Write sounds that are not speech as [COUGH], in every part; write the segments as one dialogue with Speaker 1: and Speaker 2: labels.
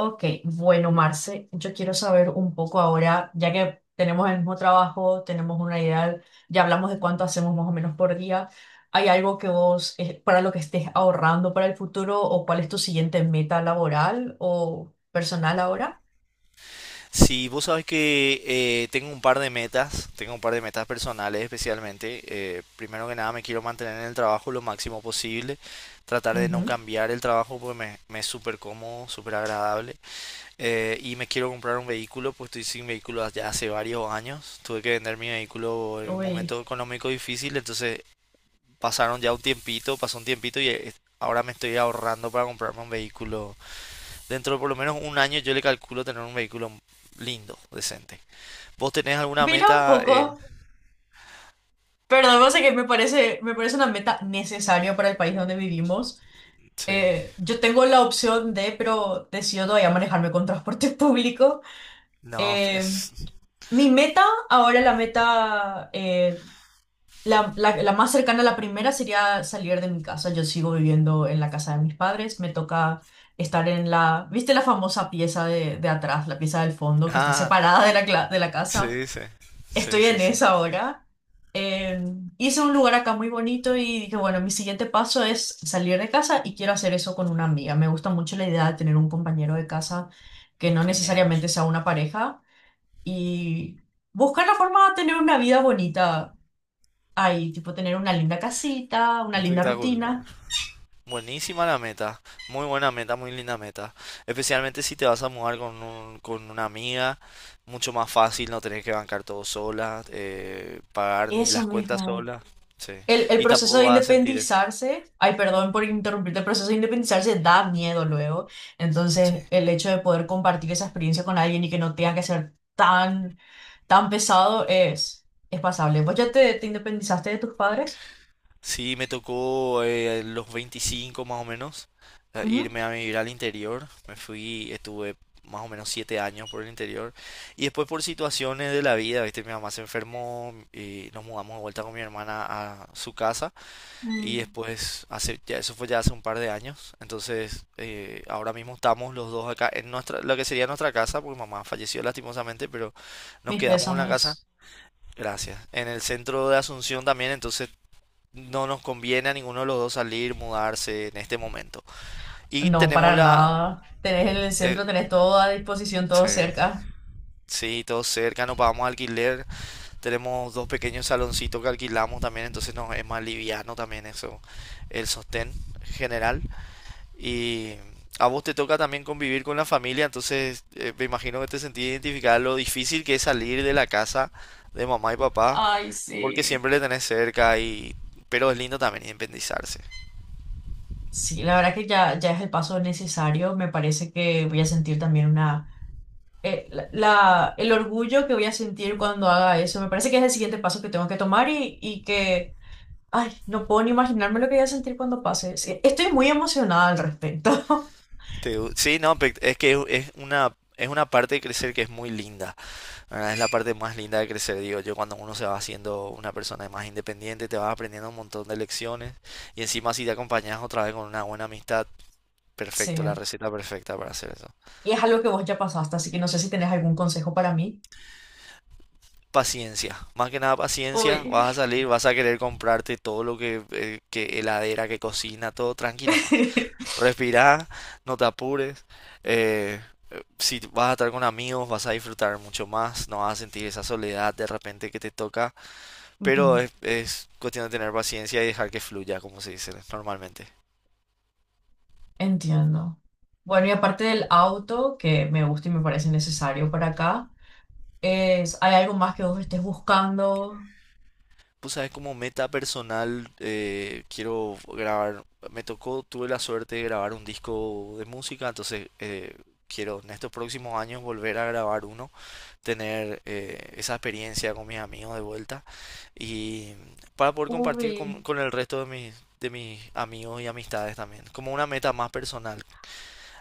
Speaker 1: Ok, bueno, Marce, yo quiero saber un poco ahora, ya que tenemos el mismo trabajo, tenemos una idea, ya hablamos de cuánto hacemos más o menos por día. ¿Hay algo que vos, para lo que estés ahorrando para el futuro, o cuál es tu siguiente meta laboral o personal ahora?
Speaker 2: Sí, vos sabés que tengo un par de metas personales especialmente. Primero que nada me quiero mantener en el trabajo lo máximo posible, tratar de no
Speaker 1: Ujú.
Speaker 2: cambiar el trabajo porque me es súper cómodo, súper agradable. Y me quiero comprar un vehículo, pues estoy sin vehículo ya hace varios años. Tuve que vender mi vehículo en un
Speaker 1: Uy,
Speaker 2: momento económico difícil, entonces pasaron ya un tiempito, pasó un tiempito y ahora me estoy ahorrando para comprarme un vehículo. Dentro de por lo menos un año yo le calculo tener un vehículo lindo, decente. ¿Vos tenés alguna
Speaker 1: mira un
Speaker 2: meta?
Speaker 1: poco, perdón, no sé que me parece una meta necesaria para el país donde vivimos.
Speaker 2: Sí.
Speaker 1: Yo tengo la opción de, pero decido todavía manejarme con transporte [LAUGHS] público.
Speaker 2: No.
Speaker 1: Eh,
Speaker 2: [LAUGHS]
Speaker 1: Mi meta, ahora la meta, la más cercana a la primera sería salir de mi casa. Yo sigo viviendo en la casa de mis padres. Me toca estar en la, ¿viste la famosa pieza de atrás, la pieza del fondo que está
Speaker 2: Ah,
Speaker 1: separada de la, de la casa?
Speaker 2: sí, sí. Sí,
Speaker 1: Estoy
Speaker 2: sí,
Speaker 1: en
Speaker 2: sí.
Speaker 1: esa ahora. Eh, hice un lugar acá muy bonito y dije, bueno, mi siguiente paso es salir de casa y quiero hacer eso con una amiga. Me gusta mucho la idea de tener un compañero de casa que no
Speaker 2: Genial.
Speaker 1: necesariamente sea una pareja y buscar la forma de tener una vida bonita ahí, tipo tener una linda casita, una linda
Speaker 2: Espectacular.
Speaker 1: rutina,
Speaker 2: Buenísima la meta. Muy buena meta, muy linda meta. Especialmente si te vas a mudar con con una amiga. Mucho más fácil, no tenés que bancar todo sola, pagar ni
Speaker 1: eso
Speaker 2: las cuentas
Speaker 1: mismo.
Speaker 2: sola. Sí.
Speaker 1: El
Speaker 2: Y
Speaker 1: proceso
Speaker 2: tampoco
Speaker 1: de
Speaker 2: vas a sentir.
Speaker 1: independizarse, ay, perdón por interrumpirte, el proceso de independizarse da miedo luego.
Speaker 2: Sí.
Speaker 1: Entonces, el hecho de poder compartir esa experiencia con alguien y que no tenga que ser tan, tan pesado es pasable. ¿Vos ya te independizaste de tus padres?
Speaker 2: Sí, me tocó a los 25 más o menos a
Speaker 1: Ujú.
Speaker 2: irme a vivir al interior. Me fui, estuve más o menos 7 años por el interior. Y después por situaciones de la vida, ¿viste? Mi mamá se enfermó y nos mudamos de vuelta con mi hermana a su casa. Y
Speaker 1: Mm.
Speaker 2: después, eso fue ya hace un par de años. Entonces, ahora mismo estamos los dos acá en lo que sería nuestra casa, porque mamá falleció lastimosamente, pero nos
Speaker 1: Mis
Speaker 2: quedamos en la casa.
Speaker 1: pésames.
Speaker 2: Gracias. En el centro de Asunción también, entonces no nos conviene a ninguno de los dos salir, mudarse en este momento. Y
Speaker 1: No,
Speaker 2: tenemos
Speaker 1: para
Speaker 2: la...
Speaker 1: nada. Tenés en el
Speaker 2: eh,
Speaker 1: centro, tenés todo a disposición, todo
Speaker 2: sí,
Speaker 1: cerca.
Speaker 2: sí, todo cerca, no pagamos alquiler, tenemos dos pequeños saloncitos que alquilamos también, entonces nos es más liviano también eso, el sostén general. Y a vos te toca también convivir con la familia, entonces me imagino que te sentís identificada lo difícil que es salir de la casa de mamá y papá,
Speaker 1: Ay,
Speaker 2: porque
Speaker 1: sí.
Speaker 2: siempre le tenés cerca y... pero es lindo también independizarse.
Speaker 1: Sí, la verdad que ya, ya es el paso necesario. Me parece que voy a sentir también una... el orgullo que voy a sentir cuando haga eso. Me parece que es el siguiente paso que tengo que tomar y que... Ay, no puedo ni imaginarme lo que voy a sentir cuando pase. Sí, estoy muy emocionada al respecto. [LAUGHS]
Speaker 2: Sí, no, es que es una, parte de crecer que es muy linda, ¿verdad? Es la parte más linda de crecer, digo yo. Cuando uno se va haciendo una persona más independiente, te vas aprendiendo un montón de lecciones, y encima si te acompañas otra vez con una buena amistad,
Speaker 1: Sí.
Speaker 2: perfecto, la receta perfecta para hacer eso.
Speaker 1: Y es algo que vos ya pasaste, así que no sé si tenés algún consejo para mí.
Speaker 2: Paciencia, más que nada paciencia.
Speaker 1: Uy.
Speaker 2: Vas a salir, vas a querer comprarte todo lo que heladera, que cocina, todo tranquilo más.
Speaker 1: [LAUGHS]
Speaker 2: Respirá, no te apures. Eh, si vas a estar con amigos, vas a disfrutar mucho más, no vas a sentir esa soledad de repente que te toca,
Speaker 1: Ujú.
Speaker 2: pero es cuestión de tener paciencia y dejar que fluya, como se dice normalmente.
Speaker 1: Entiendo. Bueno, y aparte del auto, que me gusta y me parece necesario para acá, es, ¿hay algo más que vos estés buscando?
Speaker 2: Pues sabes, como meta personal, quiero grabar. Me tocó, tuve la suerte de grabar un disco de música, entonces quiero en estos próximos años volver a grabar uno, tener esa experiencia con mis amigos de vuelta, y para poder compartir
Speaker 1: Uy,
Speaker 2: con el resto de mis amigos y amistades también, como una meta más personal.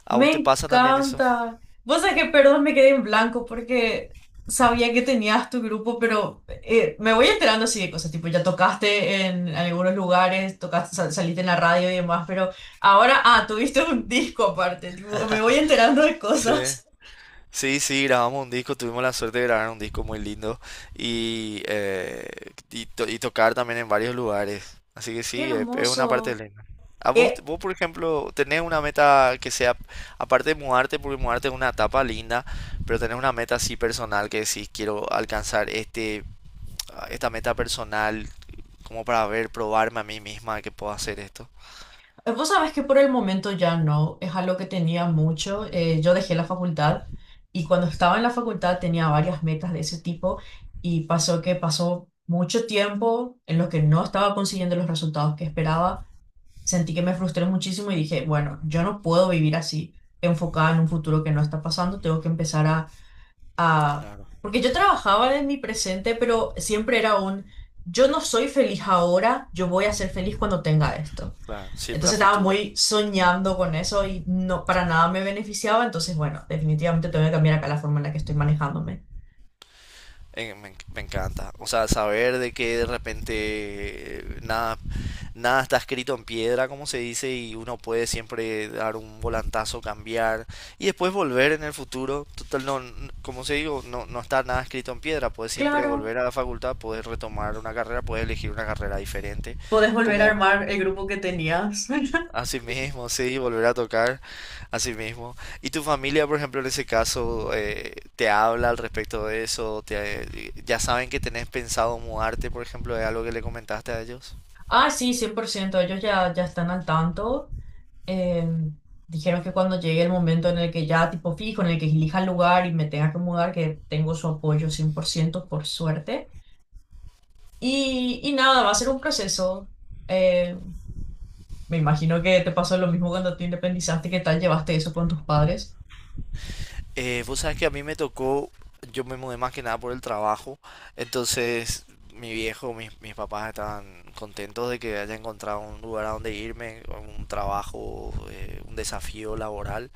Speaker 2: ¿A vos
Speaker 1: me
Speaker 2: te pasa también eso?
Speaker 1: encanta. Vos sabés que, perdón, me quedé en blanco porque sabía que tenías tu grupo, pero me voy enterando así de cosas, tipo, ya tocaste en algunos lugares, tocaste, saliste en la radio y demás, pero ahora, ah, tuviste un disco aparte, tipo, me voy enterando de
Speaker 2: Sí.
Speaker 1: cosas.
Speaker 2: Sí, sí, grabamos un disco, tuvimos la suerte de grabar un disco muy lindo y, y tocar también en varios lugares. Así que
Speaker 1: Qué
Speaker 2: sí, es una parte
Speaker 1: hermoso.
Speaker 2: linda. ¿A vos,
Speaker 1: Eh,
Speaker 2: vos, por ejemplo, tenés una meta que sea, aparte de mudarte, porque mudarte es una etapa linda, pero tenés una meta así personal que decís, quiero alcanzar este, esta meta personal, como para ver, probarme a mí misma que puedo hacer esto?
Speaker 1: Vos sabés que por el momento ya no, es algo que tenía mucho. Yo dejé la facultad y cuando estaba en la facultad tenía varias metas de ese tipo y pasó que pasó mucho tiempo en los que no estaba consiguiendo los resultados que esperaba. Sentí que me frustré muchísimo y dije, bueno, yo no puedo vivir así, enfocada en un futuro que no está pasando, tengo que empezar a...
Speaker 2: Claro,
Speaker 1: Porque yo trabajaba en mi presente, pero siempre era un, yo no soy feliz ahora, yo voy a ser feliz cuando tenga esto.
Speaker 2: claro. Siempre a
Speaker 1: Entonces estaba
Speaker 2: futuro.
Speaker 1: muy soñando con eso y no para nada me beneficiaba. Entonces, bueno, definitivamente tengo que cambiar acá la forma en la que estoy manejándome.
Speaker 2: Me encanta. O sea, saber de que de repente eh, nada, nada está escrito en piedra, como se dice, y uno puede siempre dar un volantazo, cambiar y después volver en el futuro. Total, no, como se digo, no, no está nada escrito en piedra. Puedes siempre
Speaker 1: Claro.
Speaker 2: volver a la facultad, puedes retomar una carrera, puedes elegir una carrera diferente.
Speaker 1: Podés volver a
Speaker 2: Como,
Speaker 1: armar el grupo que tenías. [LAUGHS]
Speaker 2: Así mismo, sí, volver a tocar, así mismo. ¿Y tu familia, por ejemplo, en ese caso, te habla al respecto de eso? Ya saben que tenés pensado mudarte? Por ejemplo, ¿es algo que le comentaste a ellos?
Speaker 1: Ah, sí, 100%. Ellos ya, ya están al tanto. Em, dijeron que cuando llegue el momento en el que ya tipo fijo, en el que elija el lugar y me tenga que mudar, que tengo su apoyo 100% por suerte. Y nada, va a ser un proceso. eh, Me imagino que te pasó lo mismo cuando te independizaste, ¿qué tal llevaste eso con tus padres?
Speaker 2: Vos sabés que a mí me tocó, yo me mudé más que nada por el trabajo, entonces mis papás estaban contentos de que haya encontrado un lugar a donde irme, un trabajo, un desafío laboral.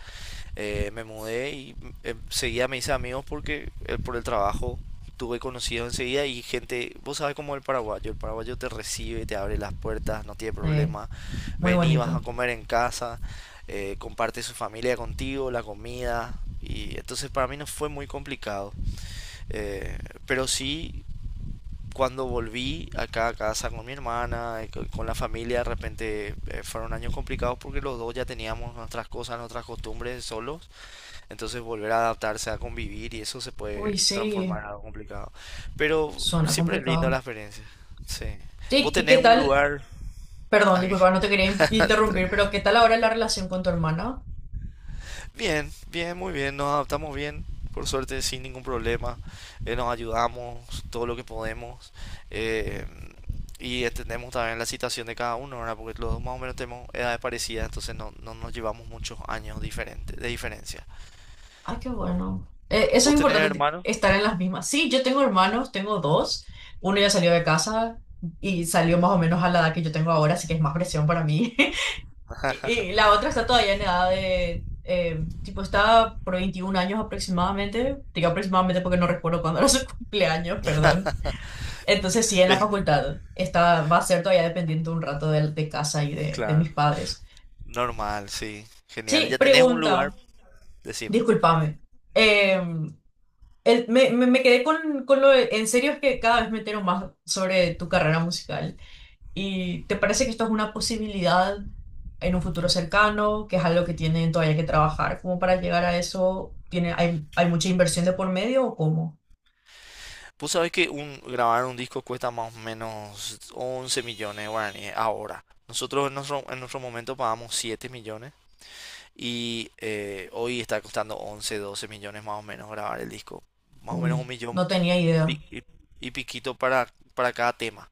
Speaker 2: Me mudé y seguía, me hice amigos porque por el trabajo tuve conocidos enseguida. Y gente, vos sabes cómo es el paraguayo te recibe, te abre las puertas, no tiene
Speaker 1: Eh,
Speaker 2: problema,
Speaker 1: muy
Speaker 2: vení, vas a
Speaker 1: bonito.
Speaker 2: comer en casa, comparte su familia contigo, la comida. Y entonces para mí no fue muy complicado. Eh, pero sí, cuando volví acá a casa con mi hermana, con la familia, de repente fueron años complicados porque los dos ya teníamos nuestras cosas, nuestras costumbres solos. Entonces volver a adaptarse a convivir, y eso se
Speaker 1: Uy,
Speaker 2: puede transformar
Speaker 1: sí,
Speaker 2: en algo complicado. Pero
Speaker 1: suena
Speaker 2: siempre es lindo la
Speaker 1: complicado.
Speaker 2: experiencia. Sí. Vos
Speaker 1: Sí, ¿y qué
Speaker 2: tenés un
Speaker 1: tal?
Speaker 2: lugar...
Speaker 1: Perdón,
Speaker 2: ah, que-
Speaker 1: disculpa, no te quería interrumpir, pero ¿qué tal ahora la relación con tu hermana?
Speaker 2: Bien, bien, muy bien. Nos adaptamos bien, por suerte, sin ningún problema. Nos ayudamos todo lo que podemos, eh, y entendemos también la situación de cada uno, ¿verdad? Porque los dos más o menos tenemos edades parecidas, entonces no, no nos llevamos muchos años diferentes, de diferencia.
Speaker 1: Ay, qué bueno. Eso es
Speaker 2: ¿Vos tenés
Speaker 1: importante,
Speaker 2: hermanos?
Speaker 1: estar en las mismas. Sí, yo tengo hermanos, tengo dos. Uno ya salió de casa y salió más o menos a la edad que yo tengo ahora, así que es más presión para mí. [LAUGHS] Y, y la otra está todavía en edad de, tipo, está por 21 años aproximadamente, digo aproximadamente porque no recuerdo cuándo era su [LAUGHS] cumpleaños, perdón.
Speaker 2: [LAUGHS]
Speaker 1: Entonces sí, en la
Speaker 2: Eh,
Speaker 1: facultad está, va a ser todavía dependiente un rato de casa y de
Speaker 2: Claro.
Speaker 1: mis padres.
Speaker 2: Normal, sí. Genial.
Speaker 1: Sí,
Speaker 2: Ya tenés un lugar,
Speaker 1: pregunta,
Speaker 2: decime.
Speaker 1: discúlpame. Eh, me quedé con, en serio es que cada vez me entero más sobre tu carrera musical. ¿Y te parece que esto es una posibilidad en un futuro cercano, que es algo que tienen todavía que trabajar? ¿Cómo para llegar a eso? ¿Tiene, hay mucha inversión de por medio o cómo?
Speaker 2: Vos sabés que grabar un disco cuesta más o menos 11 millones de guaraníes ahora. Nosotros en nuestro momento pagamos 7 millones, y hoy está costando 11, 12 millones más o menos grabar el disco. Más o menos un
Speaker 1: Uy, no
Speaker 2: millón
Speaker 1: tenía
Speaker 2: pi-
Speaker 1: idea.
Speaker 2: y, y piquito para cada tema.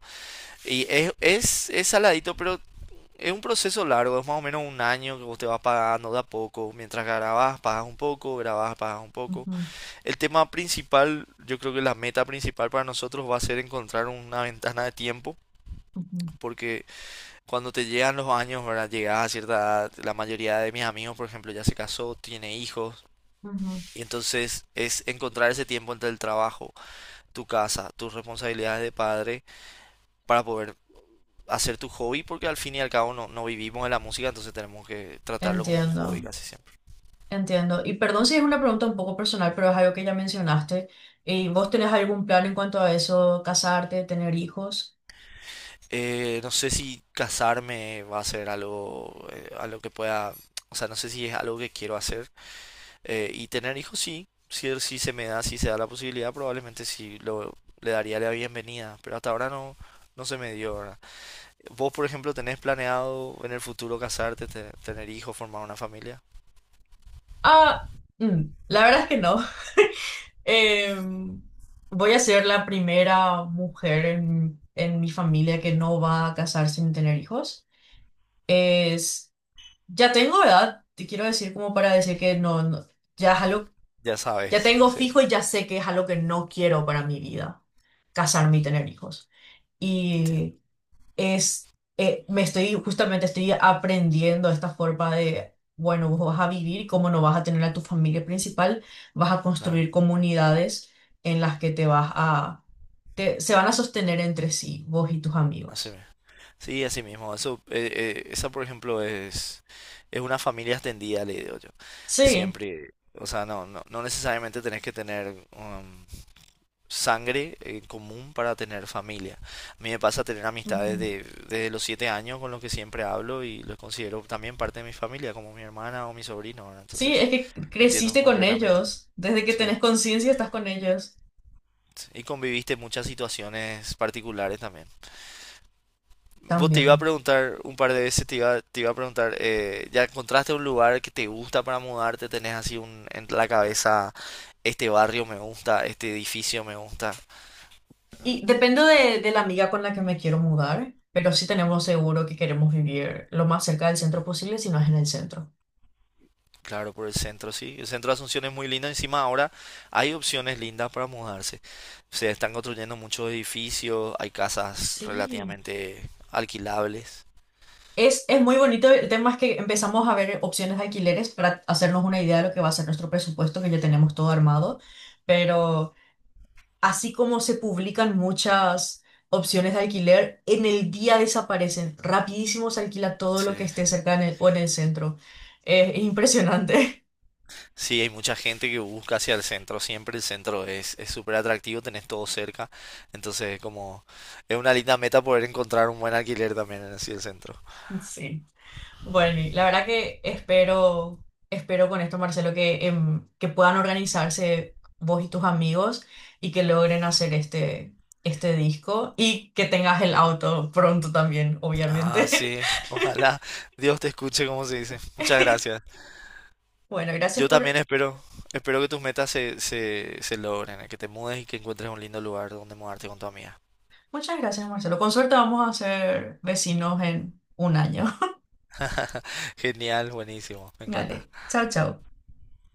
Speaker 2: Y es saladito, pero es un proceso largo. Es más o menos un año que vos te vas pagando de a poco. Mientras grabás, pagas un poco, grabás, pagas un poco.
Speaker 1: Ujú,
Speaker 2: El tema principal, yo creo que la meta principal para nosotros va a ser encontrar una ventana de tiempo,
Speaker 1: ujú,
Speaker 2: porque cuando te llegan los años, ¿verdad? Llegas a cierta edad, la mayoría de mis amigos, por ejemplo, ya se casó, tiene hijos,
Speaker 1: ujú.
Speaker 2: y entonces es encontrar ese tiempo entre el trabajo, tu casa, tus responsabilidades de padre, para poder hacer tu hobby, porque al fin y al cabo no no vivimos de la música, entonces tenemos que tratarlo como un hobby
Speaker 1: Entiendo,
Speaker 2: casi siempre.
Speaker 1: entiendo. Y perdón si es una pregunta un poco personal, pero es algo que ya mencionaste. ¿Y vos tenés algún plan en cuanto a eso, casarte, tener hijos?
Speaker 2: No sé si casarme va a ser algo que pueda, o sea, no sé si es algo que quiero hacer. Y tener hijos, sí. Si, si se me da, si se da la posibilidad, probablemente sí le daría la bienvenida, pero hasta ahora no, no se me dio, ¿verdad? ¿Vos, por ejemplo, tenés planeado en el futuro casarte, tener hijos, formar una familia?
Speaker 1: Ah, mm, la verdad es que no. Eh, voy a ser la primera mujer en mi familia que no va a casarse sin tener hijos. Es, ya tengo edad, te quiero decir como para decir que no, no- ya es algo,
Speaker 2: Ya
Speaker 1: ya
Speaker 2: sabes,
Speaker 1: tengo
Speaker 2: sí,
Speaker 1: fijo y ya sé que es algo que no quiero para mi vida, casarme y tener hijos.
Speaker 2: entiendo,
Speaker 1: Y es, me estoy, justamente estoy aprendiendo esta forma de, bueno, vos vas a vivir y como no vas a tener a tu familia principal, vas a
Speaker 2: claro,
Speaker 1: construir comunidades en las que te vas a, se van a sostener entre sí, vos y tus
Speaker 2: así.
Speaker 1: amigos.
Speaker 2: Sí, así mismo. Eso, esa, por ejemplo, es una familia extendida, le digo yo.
Speaker 1: Sí,
Speaker 2: Siempre. O sea, no necesariamente tenés que tener sangre en común para tener familia. A mí me pasa tener amistades
Speaker 1: ujú.
Speaker 2: desde los 7 años, con los que siempre hablo y los considero también parte de mi familia, como mi hermana o mi sobrino, ¿verdad?
Speaker 1: Sí,
Speaker 2: Entonces,
Speaker 1: es que
Speaker 2: entiendo
Speaker 1: creciste con
Speaker 2: completamente.
Speaker 1: ellos, desde que
Speaker 2: Sí.
Speaker 1: tenés conciencia estás con ellos
Speaker 2: Sí. Y conviviste muchas situaciones particulares también. Vos te iba a
Speaker 1: también.
Speaker 2: preguntar un par de veces, te iba a preguntar, ¿ya encontraste un lugar que te gusta para mudarte? ¿Tenés así en la cabeza, este barrio me gusta, este edificio me gusta?
Speaker 1: Y dependo de la amiga con la que me quiero mudar, pero sí tenemos seguro que queremos vivir lo más cerca del centro posible si no es en el centro.
Speaker 2: Claro, por el centro, sí. El centro de Asunción es muy lindo. Encima ahora hay opciones lindas para mudarse. Se están construyendo muchos edificios, hay casas
Speaker 1: Sí.
Speaker 2: relativamente alquilables.
Speaker 1: Es muy bonito. El tema es que empezamos a ver opciones de alquileres para hacernos una idea de lo que va a ser nuestro presupuesto, que ya tenemos todo armado. Pero así como se publican muchas opciones de alquiler, en el día desaparecen. Rapidísimo se alquila todo lo que
Speaker 2: Sí.
Speaker 1: esté cerca en o en el centro. Es impresionante.
Speaker 2: Sí, hay mucha gente que busca hacia el centro, siempre el centro es súper atractivo, tenés todo cerca, entonces como es una linda meta poder encontrar un buen alquiler también en así el centro.
Speaker 1: [LAUGHS] Sí. Bueno, y la verdad que espero, espero con esto, Marcelo, que, em, que puedan organizarse vos y tus amigos y que logren hacer este, este disco y que tengas el auto pronto también,
Speaker 2: Ah,
Speaker 1: obviamente. [LAUGHS]
Speaker 2: sí, ojalá Dios te escuche, como se dice. Muchas gracias.
Speaker 1: Bueno, gracias
Speaker 2: Yo también
Speaker 1: por...
Speaker 2: espero que tus metas se logren, que te mudes y que encuentres un lindo lugar donde mudarte con tu amiga.
Speaker 1: Muchas gracias, Marcelo. Con suerte vamos a ser vecinos en un año.
Speaker 2: [LAUGHS] Genial, buenísimo,
Speaker 1: [LAUGHS]
Speaker 2: me encanta.
Speaker 1: Vale, chao, chao.